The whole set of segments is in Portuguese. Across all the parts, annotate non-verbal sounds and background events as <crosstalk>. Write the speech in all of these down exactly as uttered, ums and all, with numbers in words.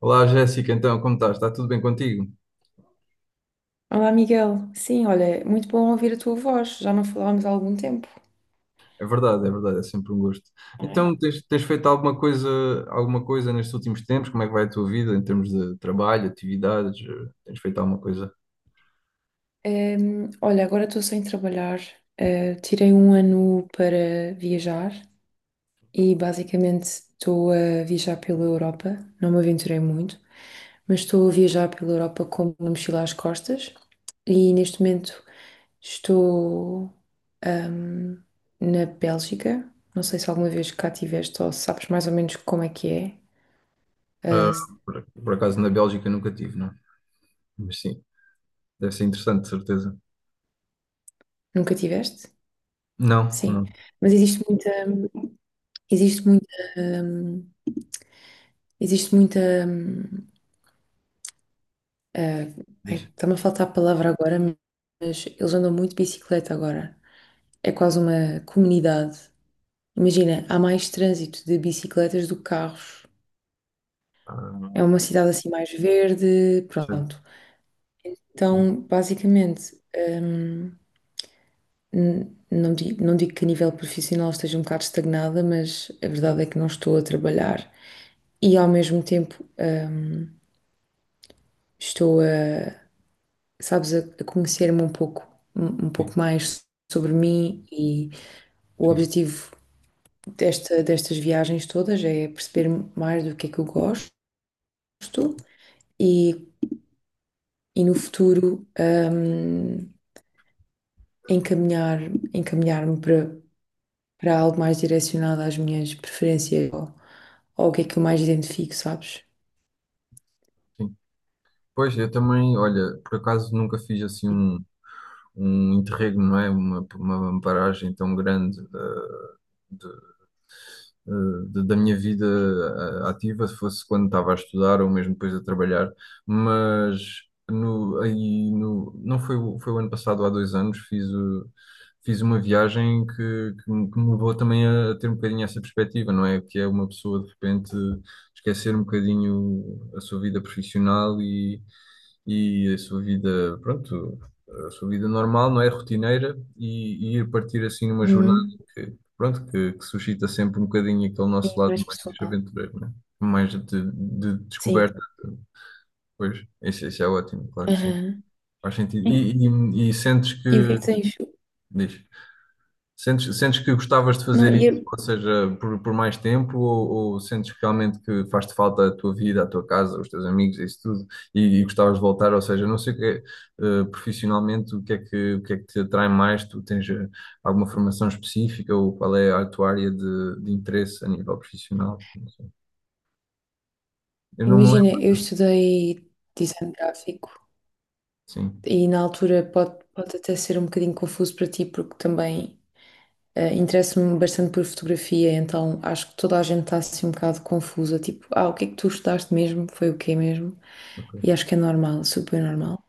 Olá Jéssica, então como estás? Está tudo bem contigo? Olá, Miguel. Sim, olha, é muito bom ouvir a tua voz. Já não falávamos há algum tempo. É verdade, é verdade, é sempre um gosto. Então tens, tens feito alguma coisa, alguma coisa nestes últimos tempos? Como é que vai a tua vida em termos de trabalho, atividades? Eh, Tens feito alguma coisa? Ehm, olha, agora estou sem trabalhar. Eh, tirei um ano para viajar e basicamente estou a viajar pela Europa. Não me aventurei muito, mas estou a viajar pela Europa com uma mochila às costas e neste momento estou, ahm, na Bélgica. Não sei se alguma vez cá tiveste ou sabes mais ou menos como é que é. Ah, Ah, se- por, por acaso na Bélgica nunca tive, não? Mas sim, deve ser interessante, de certeza. Nunca tiveste? Não, Sim, não, mas existe muita, existe muita, hum, existe muita, hum, eh, ai, diz. está-me a faltar a palavra agora, mas eles andam muito de bicicleta agora. É quase uma comunidade. Imagina, há mais trânsito de bicicletas do que carros. É Ah, uma cidade assim mais verde, certo, pronto. sim, Então, basicamente, hum, n- não digo, não digo que a nível profissional esteja um bocado estagnada, mas a verdade é que não estou a trabalhar. E ao mesmo tempo, hum, estou a, sabes, a a conhecer-me um pouco, um um pouco sim, mais sobre mim e o sim, objetivo desta, destas viagens todas é perceber mais do que é que eu gosto e, e no futuro, hum, encaminhar, encaminhar-me para, para algo mais direcionado às minhas preferências ou, ou o que é que eu mais identifico, sabes? sim. Pois, eu também, olha, por acaso nunca fiz assim um, um interregno, não é? Uma, uma paragem tão grande, eh, de- da minha vida eh, ativa, se fosse quando estava a estudar ou mesmo depois a trabalhar. Mas no, aí no, não foi, o- foi o ano passado, há dois anos, fiz, o- fiz uma viagem que, que, me que me levou também a, a ter um bocadinho essa perspectiva, não é? Que é uma pessoa de repente esquecer um bocadinho a sua vida profissional e, e a sua vida, pronto, a sua vida normal, não é? Rotineira, e, e ir partir assim numa jornada, Uhum. pronto, que, que suscita sempre um bocadinho aquele Sim, nosso lado mais mais pessoal. aventureiro, né? Mais de, de Sim. descoberta. Pois, isso, isso é ótimo, claro que sim. Aham. Faz sentido. E, E, e, e sentes e o que é que. que tens? Diz. Sentes, sentes que gostavas de fazer Não, e isso, eu, ou seja, por, por mais tempo, ou, ou sentes que realmente que faz-te falta a tua vida, a tua casa, os teus amigos, isso tudo, e, e gostavas de voltar, ou seja, não sei o que é, eh, profissionalmente, o que é que, o que é que te atrai mais, tu tens eh, alguma formação específica, ou qual é a tua área de, de interesse a nível profissional? Não sei. Eu não me imagina, lembro. eu estudei design gráfico Sim, e na altura pode, pode até ser um bocadinho confuso para ti, porque também eh, interesso-me bastante por fotografia, então acho que toda a gente está assim um bocado confusa, tipo, ah, o que é que tu estudaste mesmo? Foi o quê mesmo? E ok. acho que é normal, super normal.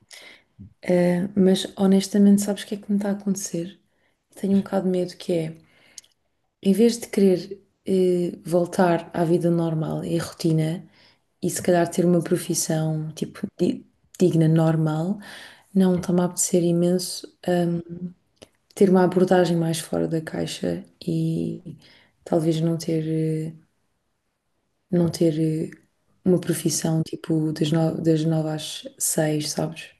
Eh, mas honestamente, sabes o que é que me está a acontecer? Tenho um Sim, bocado de medo que é. Em vez de querer eh, voltar à vida normal e à rotina, e se calhar ter uma profissão tipo di- digna, normal, não sim, está-me a apetecer imenso, hum, ter uma abordagem mais fora da caixa e talvez não ter, eh, não claro. ter, eh, uma profissão tipo das, no- das nove às seis, sabes?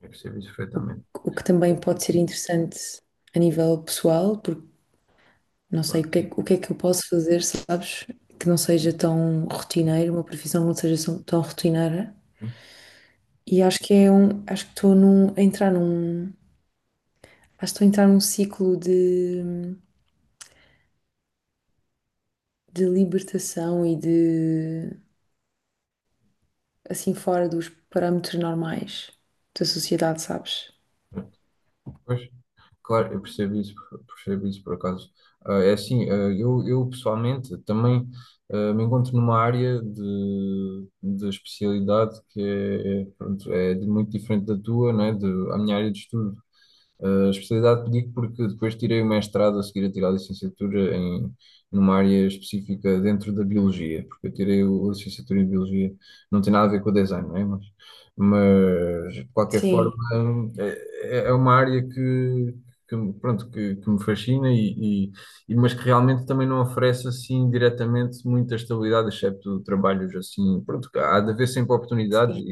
Eu percebo isso O, perfeitamente. o que também pode ser interessante a nível pessoal, porque não sei Claro, o que é, sim, que- o que é que eu posso fazer, sabes? Que não seja sim, tão sim, rotineiro, uma profissão que não seja tão tão rotineira. E acho que é um, acho que estou num, a entrar num, acho que estou a entrar num ciclo de, de libertação e de, assim, fora dos parâmetros normais da sociedade, sabes? sim. Pois. Claro, eu percebo isso, percebo isso por acaso. Ah, é assim, ah, eu, eu pessoalmente também ah, me encontro numa área de, de especialidade que é, pronto, é de- muito diferente da tua, não é? De, a minha área de estudo, a especialidade pedi porque depois tirei o mestrado a seguir a tirar a licenciatura em, numa área específica dentro da biologia, porque eu tirei o- a licenciatura em biologia, não tem nada a ver com o design, não é? Mas, mas de qualquer forma Sim, é, é é uma área que, que me- pronto, que, que me fascina, e, e, e- mas que realmente também não oferece assim diretamente muita estabilidade, excepto trabalhos assim, pronto. Há de haver sempre oportunidades sim,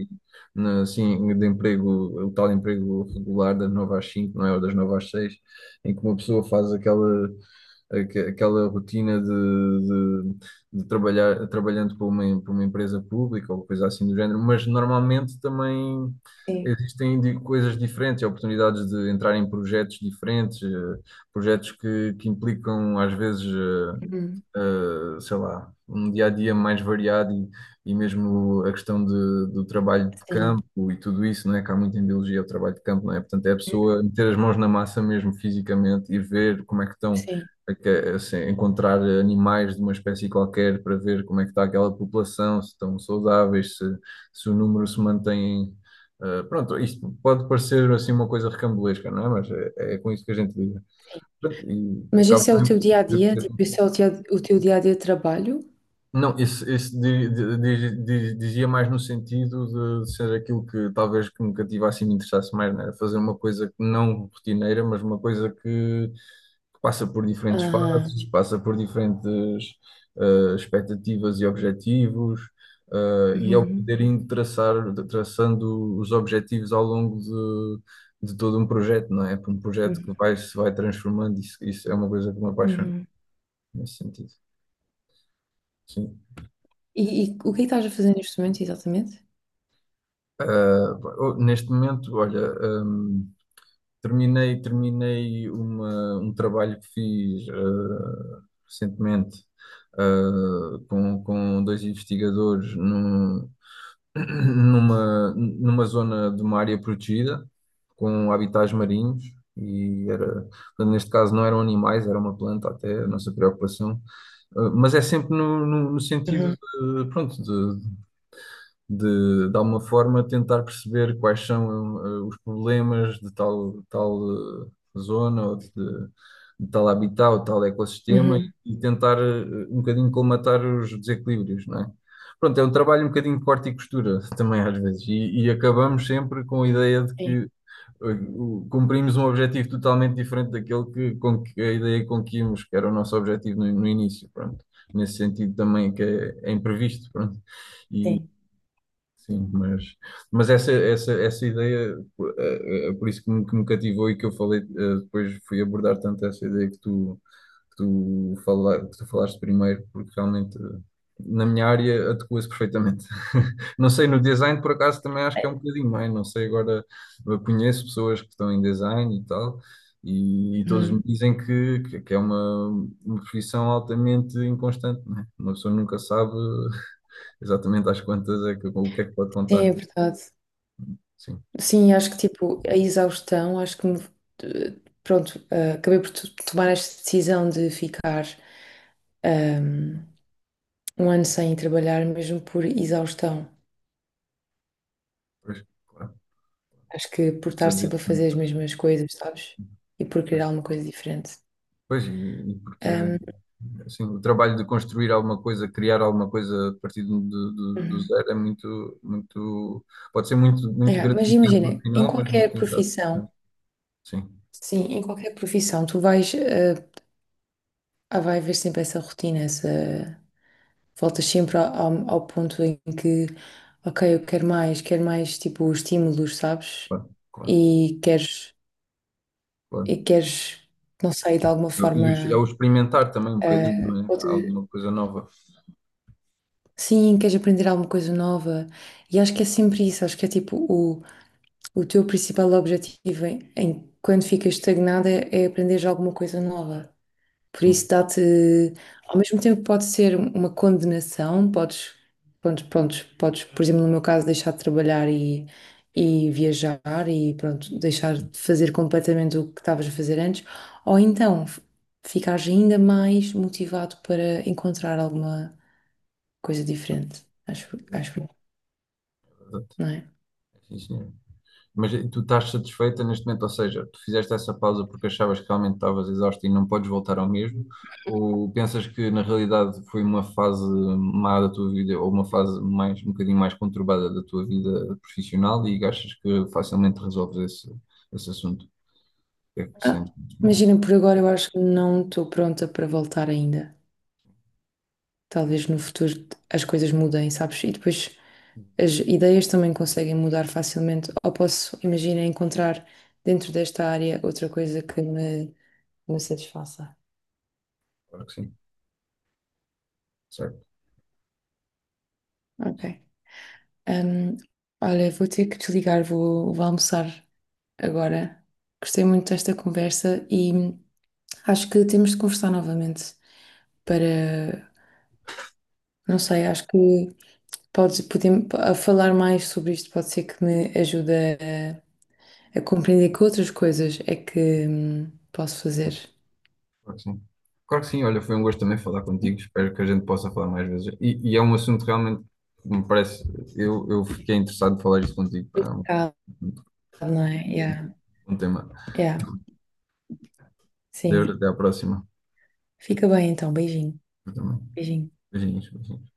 na- assim, de emprego, o tal emprego regular das nove às cinco, não é? Ou das nove às seis, em que uma pessoa faz aquela, aque- aquela rotina de, de, de trabalhar, trabalhando para uma, para uma empresa pública ou coisa assim do género. Mas normalmente também sim. existem di- coisas diferentes, oportunidades de entrar em projetos diferentes, eh, projetos que, que implicam às vezes. eh, Uhum. eh, sei lá, um dia a dia mais variado, e, e mesmo a questão de, do trabalho de Sim, campo e tudo isso, não é? Que há muito em biologia o trabalho de campo, não é? Portanto, é a pessoa meter as mãos na massa mesmo fisicamente e ver como é que estão, sim, a que- assim, encontrar animais de uma espécie qualquer para ver como é que está aquela população, se estão saudáveis, se, se o número se mantém. eh, pronto, isto pode parecer assim uma coisa recambolesca, não é? Mas é, é com isso que a gente lida. sim. Pronto, e Mas acaba esse é o também. teu dia a dia? Tipo, esse é o, teu o teu dia a dia de trabalho? Não, esse, esse di- di- di- di- dizia mais no sentido de ser aquilo que talvez que me cativasse e me interessasse mais, né? Fazer uma coisa que não rotineira, mas uma coisa que, que passa por diferentes Aham. fases, passa por diferentes, eh, expectativas e objetivos, eh, e é o Uhum, poder indo traçar, traçando os objetivos ao longo de, de todo um projeto, não é? Um projeto uhum, que vai, se vai transformando, isso, isso é uma coisa que me apaixona uhum. nesse sentido. Sim. E, e o que é que estás a fazer neste momento, exatamente? Ah, oh, neste momento, olha, hum, terminei, terminei uma- um trabalho que fiz ah, recentemente, ah, com, com dois investigadores num- <coughs> <clears throat> numa, numa zona de uma área protegida, com habitats marinhos, e era, portanto, neste caso não eram animais, era uma planta até, a nossa preocupação. Ah, mas é sempre no, no- no sentido Uhum, de, pronto, de, de alguma forma, tentar perceber quais são, eh, os problemas de tal, tal, eh, zona ou de, de- de tal habitat ou tal ecossistema, e uhum. e tentar eh, um bocadinho colmatar os desequilíbrios, não é? Pronto, é um trabalho um bocadinho de corte e costura <laughs> também às vezes, e, e acabamos sempre com a ideia de Sim, que eh, o- cumprimos um objetivo totalmente diferente daquele que, com que a ideia com que íamos, que era o nosso objetivo no, no início, pronto. Nesse sentido também que é, é imprevisto, pronto. E sim. sim, mas, mas essa, essa, essa ideia, eh, eh, por isso que me, que me, cativou e que eu falei, eh, depois fui abordar tanto essa ideia que tu, que tu, fala, que tu falaste primeiro, porque realmente eh, na minha área adequa-se perfeitamente. <laughs> Não sei, no design por acaso também acho que é um bocadinho mais, não sei. Agora eu conheço pessoas que estão em design e tal, e, e todos me Uhum. dizem que, que, que é uma, uma profissão altamente inconstante, não é? Uma pessoa nunca sabe exatamente às quantas é que, o que é que pode Sim, contar. é verdade. Sim, Sim, acho que tipo, a exaustão, acho que me, eh, pronto, eh, acabei por to- tomar esta decisão de ficar, ehm, um ano sem trabalhar, mesmo por exaustão. pois, claro, Acho que por pode ser estar sempre a desvirtuado. fazer as mesmas coisas, sabes? E por querer alguma coisa diferente. Pois, e, e porque Ehm, assim, o trabalho de construir alguma coisa, criar alguma coisa a partir do, do, do uhum. zero é muito, muito, pode ser muito, muito É, mas gratificante no imagina, em final, mas qualquer muito ingrato. profissão, Sim, sim, em qualquer profissão, tu vais. Eh, Ah, vai haver sempre essa rotina, essa... Voltas sempre ao, ao- ao ponto em que, ok, eu quero mais, quero mais, tipo, estímulos, sabes? claro, claro, E queres, claro. e queres, não sei, de alguma Eu- E forma, o- é o experimentar também um bocadinho, eh, não é? outra... Alguma coisa nova. Sim, queres aprender alguma coisa nova. E acho que é sempre isso, acho que é tipo, o, o teu principal objetivo em, em- quando ficas estagnada é, é aprenderes alguma coisa nova. Por isso Sim, dá-te, ao mesmo tempo pode ser uma condenação, podes, pronto, pronto, podes, por exemplo, no meu caso, deixar de trabalhar e, e viajar e pronto, deixar sim, de fazer completamente o que estavas a fazer antes, ou então f- ficares ainda mais motivado para encontrar alguma coisa diferente, acho, é acho, eu, verdade. não é? Sim, senhor. Mas tu estás satisfeita neste momento, ou seja, tu fizeste essa pausa porque achavas que realmente estavas exausta e não podes voltar ao mesmo, ou pensas que na realidade foi uma fase má da tua vida, ou uma fase mais, um bocadinho mais conturbada da tua vida profissional, e achas que facilmente resolves esse, esse assunto? O que é que Ah, sentes neste momento? imagina, por agora eu acho que não estou pronta para voltar ainda. Talvez no futuro as coisas mudem, sabes? E depois as ideias também conseguem mudar facilmente. Ou posso, imagina, encontrar dentro desta área outra coisa que me, me satisfaça. Claro que sim, certo, Ok. Hum, Olha, vou ter que desligar, vou, vou almoçar agora. Gostei muito desta conversa e acho que temos de conversar novamente para, não sei, acho que podes, podemos, a falar mais sobre isto pode ser que me ajude a compreender que outras coisas é que hum, posso fazer. claro que sim. Claro que sim, olha, foi um gosto também falar contigo, espero que a gente possa falar mais vezes. E, e é um assunto realmente que me parece, eu, eu fiquei interessado em falar isso contigo, pá, é um- Ah, não é? Yeah. Um tema. Yeah. Deus, Sim. até a próxima. Fica bem então. Beijinho. Eu também. Beijinho. Beijinhos, beijinhos.